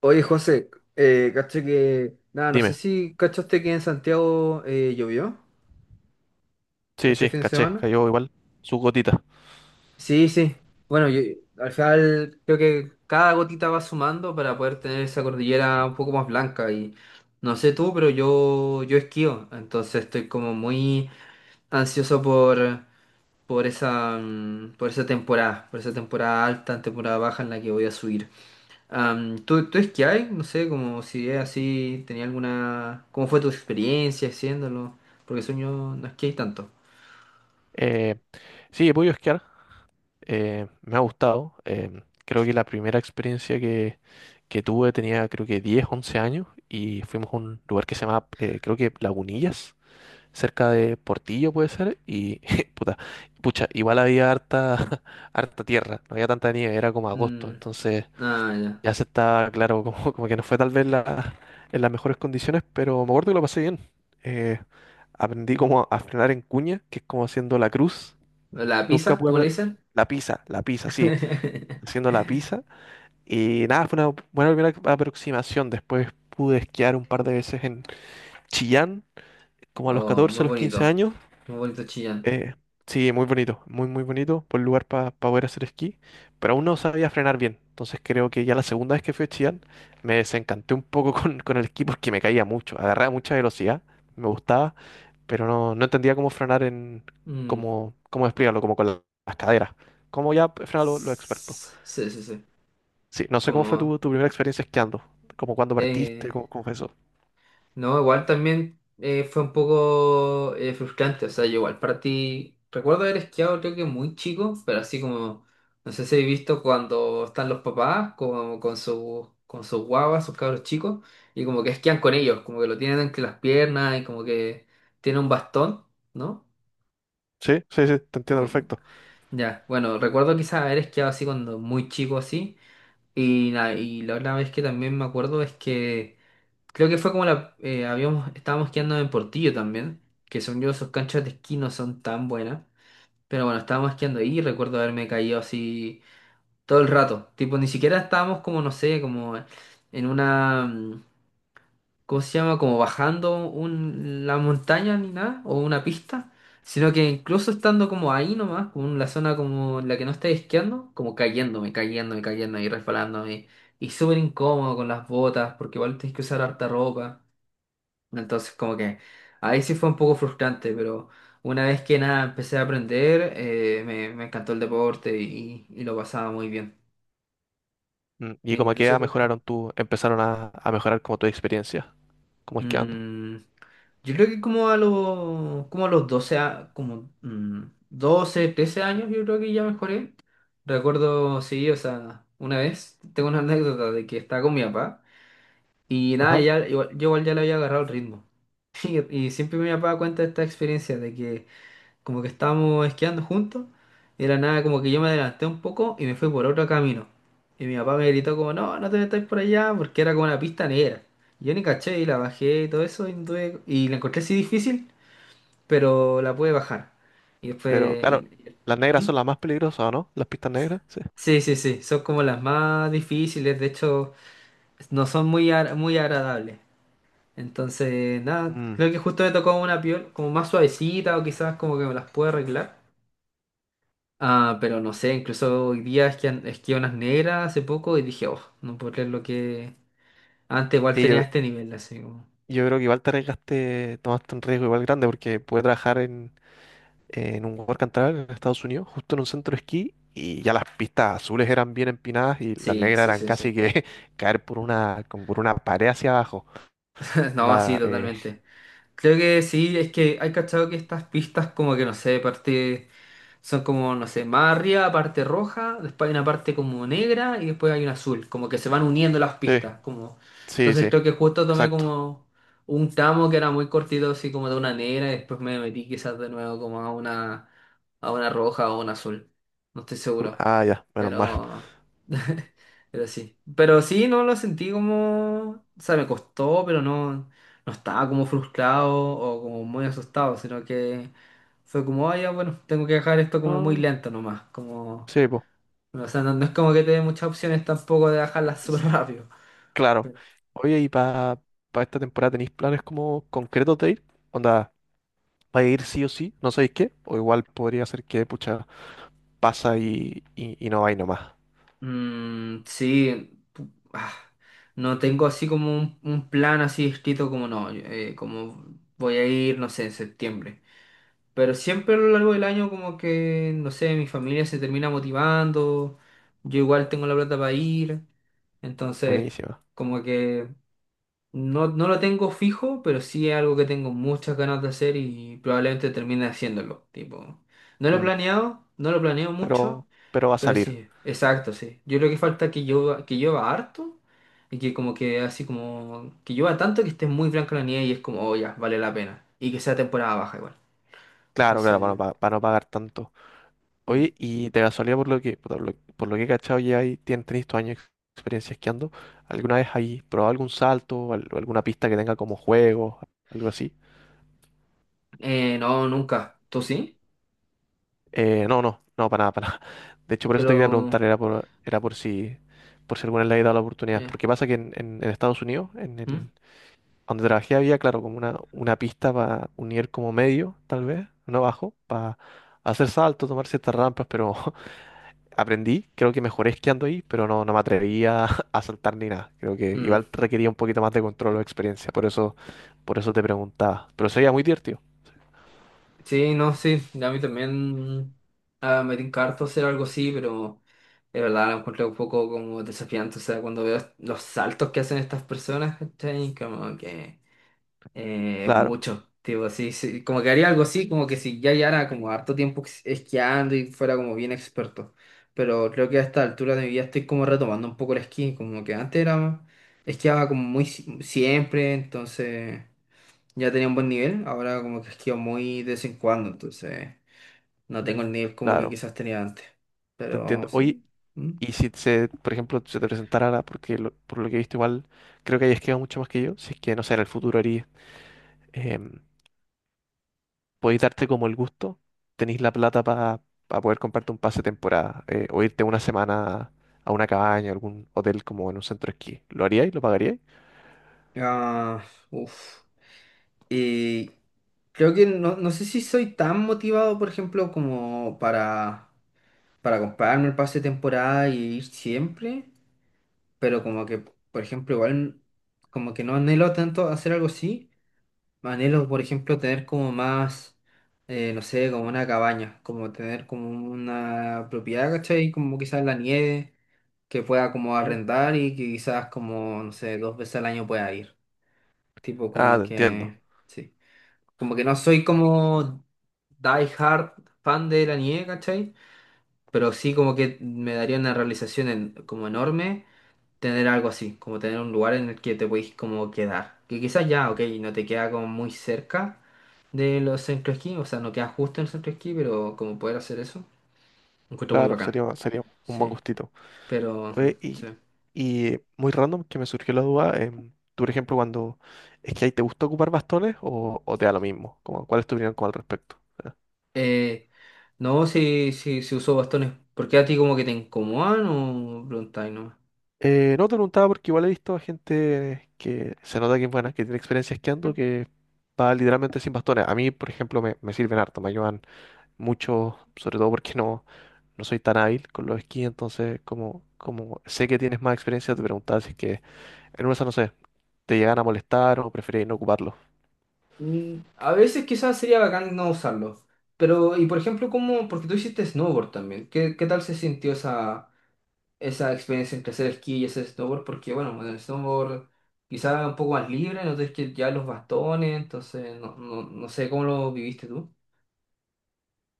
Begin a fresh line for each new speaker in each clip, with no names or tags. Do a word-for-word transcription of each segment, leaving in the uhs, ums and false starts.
Oye, José, eh, caché que. Nada, no sé
Dime.
si cachaste que en Santiago eh, llovió
Sí,
este
sí,
fin de
caché,
semana.
cayó igual su gotita.
Sí, sí. Bueno, yo- al final creo que cada gotita va sumando para poder tener esa cordillera un poco más blanca. Y no sé tú, pero yo, yo esquío. Entonces estoy como muy ansioso por, por esa, mm, por esa temporada, por esa temporada alta, temporada baja en la que voy a subir. Am, ¿tú, tú esquiabas? No sé, como si es así, tenía alguna... ¿Cómo fue tu experiencia haciéndolo? Porque sueño no esquié tanto.
Eh, sí, he podido esquiar. Eh, me ha gustado. Em, creo que la primera experiencia que, que tuve tenía creo que diez, once años y fuimos a un lugar que se llama, eh, creo que Lagunillas, cerca de Portillo puede ser. Y puta, pucha, igual había harta, harta tierra, no había tanta nieve, era como agosto.
Mm,
Entonces
ah, ya.
ya se está claro, como, como que no fue tal vez la- en las mejores condiciones, pero me acuerdo que lo pasé bien. Eh, Aprendí como a frenar en cuña, que es como haciendo la cruz.
¿La
Nunca
pizza,
pude
como le
apre-
dicen?
La pizza, la pizza, sí, haciendo la pizza. Y nada, fue una buena primera aproximación. Después pude esquiar un par de veces en Chillán, como a los
Oh,
catorce,
muy
a los quince
bonito.
años.
Muy bonito Chillán.
Eh, sí, muy bonito, muy, muy bonito. Buen lugar para poder hacer esquí, pero aún no sabía frenar bien. Entonces creo que ya la segunda vez que fui a Chillán me desencanté un poco con, con el esquí porque me caía mucho. Agarraba mucha velocidad, me gustaba, pero no, no entendía cómo frenar en,
Mm,
cómo, cómo explicarlo, como con la- las caderas. Como ya frenan lo- los, expertos.
s- sí, sí, sí.
Sí, no sé cómo fue tu,
Como...
tu primera experiencia esquiando, como cuando partiste,
eh,
cómo, cómo fue eso.
no, igual también eh, fue un poco eh, frustrante, o sea, yo igual para ti, recuerdo haber esquiado creo que muy chico, pero así como, no sé si he visto cuando están los papás como con sus con sus guaguas, sus cabros chicos, y como que esquían con ellos, como que lo tienen entre las piernas y como que tiene un bastón, ¿no?
Sí, sí, sí, te entiendo
Bu-
perfecto.
Ya, bueno, recuerdo quizás haber esquiado así cuando muy chico así, y, nada, y la otra vez que también me acuerdo es que... Creo que fue como la... eh, habíamos, estábamos quedando en Portillo también, que según yo sus canchas de esquí no son tan buenas, pero bueno, estábamos quedando ahí y recuerdo haberme caído así todo el rato. Tipo, ni siquiera estábamos como, no sé, como en una... mm, ¿cómo se llama? Como bajando un, la montaña ni nada, o una pista, sino que incluso estando como ahí nomás, como en la zona como en la que no estáis esquiando, como cayéndome, cayéndome, cayéndome y resbalándome. Y súper incómodo con las botas, porque igual tienes que usar harta ropa. Entonces, como que ahí sí fue un poco frustrante, pero una vez que nada empecé a aprender, eh, me, me encantó el deporte y, y lo pasaba muy bien.
Mm, y
Y
como
lo
que
sigo
ya
practicando.
mejoraron tú, empezaron a, a mejorar como tu experiencia, como esquiando.
Mm, yo creo que como a los, como a los doce a- como, mm, doce, trece años, yo creo que ya mejoré. Recuerdo, sí, o sea, una vez tengo una anécdota de que estaba con mi papá y nada,
Ajá.
ya, igual- yo igual ya le había agarrado el ritmo. Y, y siempre mi papá cuenta esta experiencia de que como que estábamos esquiando juntos, y de la nada como que yo me adelanté un poco y me fui por otro camino. Y mi papá me gritó como, no, no te metáis por allá, porque era como una pista negra. Y yo ni caché y la bajé y todo eso, y, tuve- y la encontré así difícil, pero la pude bajar. Y
Pero
después... y-
claro,
y-
las negras
¿mm?
son las más peligrosas, ¿o no? Las pistas negras, sí.
Sí, sí, sí, son como las más difíciles, de hecho, no son muy, ar- muy agradables. Entonces, nada,
Mm.
creo que justo me tocó una piel como más suavecita o quizás como que me las puedo arreglar. Ah, pero no sé, incluso hoy día esquí, esquié unas negras hace poco y dije, oh, no puedo creer lo que... Antes igual
Y
tenía
yo,
este nivel, así como...
yo creo que igual te arriesgaste, tomaste un riesgo igual grande porque pude trabajar en, en un work and travel en Estados Unidos, justo en un centro de esquí, y ya las pistas azules eran bien empinadas y las
Sí,
negras
sí,
eran
sí,
casi
sí.
que caer por una, como por una pared hacia abajo.
No, sí,
Onda, eh,
totalmente. Creo que sí, es que hay cachado que estas pistas como que, no sé, parte... Son como, no sé, más arriba parte roja, después hay una parte como negra y después hay una azul, como que se van uniendo las
sí,
pistas, como...
sí,
Entonces
sí,
creo que justo tomé
exacto.
como un tramo que era muy cortito, así como de una negra, y después me metí quizás de nuevo como a una, a una roja o una azul, no estoy seguro.
Ah, ya, menos mal.
Pero, pero sí. Pero sí, no lo sentí como, o sea, me costó, pero no, no estaba como frustrado o como muy asustado, sino que fue como, ah, ya, bueno, tengo que dejar esto como muy
Ah,
lento nomás, como,
sí,
no, o sea, no, no es como que te dé muchas opciones tampoco de dejarlas súper
pues.
rápido.
Claro. Oye, ¿y para esta temporada tenéis planes como concretos de ir? Onda, ¿vais a ir sí o sí? ¿No sabéis qué? O igual podría ser que, pucha, pasa y, y, y no vais nomás.
Mm, sí, pu- ah, no tengo así como un, un plan así escrito como no, yo, eh, como voy a ir, no sé, en septiembre. Pero siempre a lo largo del año como que, no sé, mi familia se termina motivando, yo igual tengo la plata para ir, entonces
Buenísima.
como que no, no lo tengo fijo, pero sí es algo que tengo muchas ganas de hacer y probablemente termine haciéndolo, tipo, no lo he
Mm,
planeado, no lo planeo mucho,
pero, pero va a
pero
salir.
sí, exacto, sí. Yo creo que falta que llueva, que llueva harto y que como que así como, que llueva tanto que esté muy blanca la nieve y es como, oh ya, vale la pena, y que sea temporada baja igual,
Claro, claro, para no,
entonces...
pa- para no pagar tanto.
Mm.
Oye, y de casualidad, por lo que, por lo, por lo que he cachado, ya ahí tien- tenéis tu años de experiencia esquiando. ¿Alguna vez ahí probado algún salto o al- alguna pista que tenga como juego, algo así?
Eh, no, nunca. ¿Tú sí?
Eh, no, no, no, para nada, para nada. De hecho, por eso te quería preguntar,
Pero...
era por, era por si, por si alguna vez le había dado la oportunidad.
eh,
Porque pasa que en, en- en Estados Unidos, en
¿mm?
el, donde trabajé, había, claro, como una, una pista para unir como medio, tal vez, no bajo, para hacer saltos, tomar ciertas rampas, pero aprendí, creo que mejoré esquiando ahí, pero no, no me atrevía a saltar ni nada. Creo que igual
Mm.
requería un poquito más de control o experiencia, por eso, por eso te preguntaba. Pero sería muy divertido.
Sí, no, sí. A mí también ah, me encanta hacer algo así, pero de verdad lo encuentro un poco como desafiante. O sea, cuando veo los saltos que hacen estas personas, ¿cachai? Como que... Eh,
Claro.
mucho, tipo, sí, sí, como que haría algo así, como que si ya llevara como harto tiempo es- esquiando y fuera como bien experto. Pero creo que a esta altura de mi vida estoy como retomando un poco el esquí, como que antes era, esquiaba como muy si- siempre, entonces ya tenía un buen nivel, ahora como que esquío muy de vez en cuando, entonces no tengo
Mm.
el nivel como que
Claro,
quizás tenía antes.
te
Pero
entiendo. Oye,
sí. Mm.
y si se, por ejemplo, se te presentara, la- porque lo- por lo que he visto igual, creo que hayas quedado mucho más que yo, si es que, no sé, en el futuro harías, em, podéis darte como el gusto, tenéis la plata para poder comprarte un pase de temporada, eh, o irte una semana a una cabaña, a algún hotel como en un centro de esquí. ¿Lo haríais? ¿Lo pagaríais?
Ah, uf. Y creo que no, no sé si soy tan motivado, por ejemplo, como para para comprarme el pase de temporada y ir siempre, pero como que, por ejemplo, igual como que no anhelo tanto hacer algo así, anhelo, por ejemplo, tener como más, eh, no sé, como una cabaña, como tener como una propiedad, ¿cachai? Como quizás la nieve, que pueda como
Mm.
arrendar y que quizás como, no sé, dos veces al año pueda ir, tipo
Ah,
como
te entiendo.
que, sí, como que no soy como die hard fan de la nieve, ¿cachai? Pero sí como que me daría una realización en- como enorme tener algo así, como tener un lugar en el que te podéis como quedar. Que quizás ya, ok, no te queda como muy cerca de los centros esquí, o sea, no queda justo en el centro esquí, pero como poder hacer eso, lo encuentro muy
Claro,
bacán.
sería, sería un buen
Sí,
gustito.
pero ujú,
Oye, y,
sí.
y muy random que me surgió la duda. Em, tú, por ejemplo, cuando es que ahí te gusta ocupar bastones o, o te da lo mismo. Como, ¿cuál es tu opinión como al respecto?
Eh, no, si, si, si uso bastones, ¿por qué a ti como que te incomodan o preguntáis, no?
Eh, no te preguntaba porque igual he visto a gente que se nota que es buena, que tiene experiencia esquiando, que va literalmente sin bastones. A mí, por ejemplo, me, me sirven harto, me ayudan mucho, sobre todo porque no, no soy tan hábil con los esquís, entonces como, como sé que tienes más experiencia, te preguntaba si es que en una, de esas, no sé, te llegan a molestar o preferís no ocuparlo.
Mm, a veces quizás sería bacán no usarlo. Pero, y por ejemplo, ¿cómo? Porque tú hiciste snowboard también. ¿Qué, ¿qué tal se sintió esa, esa experiencia entre hacer esquí y hacer snowboard? Porque, bueno, en el snowboard quizás un poco más libre, no tienes que ya los bastones, entonces no, no, no sé cómo lo viviste tú.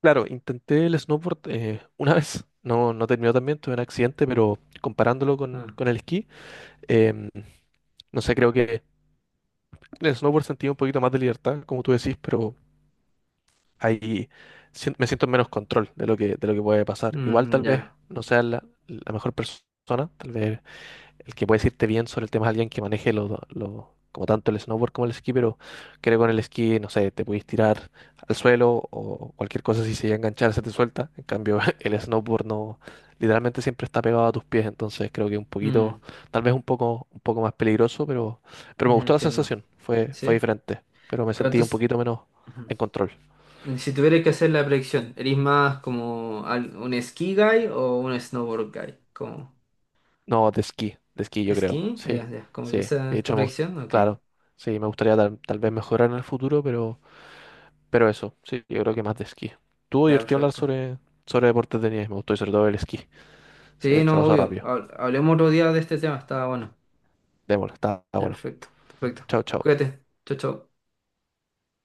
Claro, intenté el snowboard eh, una vez, no, no terminó tan bien, tuve un accidente, pero comparándolo con,
Ah,
con el esquí, em, no sé, creo que en el snowboard sentí un poquito más de libertad, como tú decís, pero ahí sien- me siento en menos control de lo que, de lo que puede pasar. Igual
mm,
tal vez
ya,
no sea la, la mejor persona, tal vez el que puede decirte bien sobre el tema es alguien que maneje los do- los- como tanto el snowboard como el esquí, pero creo que con el esquí, no sé, te puedes tirar al suelo o cualquier cosa si se llega a enganchar se te suelta. En cambio, el snowboard no, literalmente siempre está pegado a tus pies, entonces creo que un poquito,
mm,
tal vez un poco, un poco más peligroso, pero, pero me
ya
gustó la
entiendo.
sensación, fue, fue
¿Sí?
diferente, pero me
Pero
sentí un
entonces,
poquito menos en control.
ujú. Si tuvieras que hacer la predicción, ¿eres más como al- un ski guy o un snowboard guy?
No, de esquí, de esquí yo creo,
¿Skinny?
sí,
Ya, ya. Como que
sí.
esa
De
es tu
hecho, me gust-
proyección. Ok.
claro, sí, me gustaría tal, tal vez mejorar en el futuro, pero... Pero eso, sí, yo creo que más de esquí. Tuvo
Ya,
divertido hablar
perfecto.
sobre, sobre deportes de nieve, me gustó y sobre todo el esquí.
Sí,
Se, se
no,
pasó
obvio.
rápido.
Habl- Hablemos otro día de este tema. Está bueno.
Démosle, está está
Ya,
bueno.
perfecto. Perfecto.
Chao, chao.
Cuídate. Chau, chau.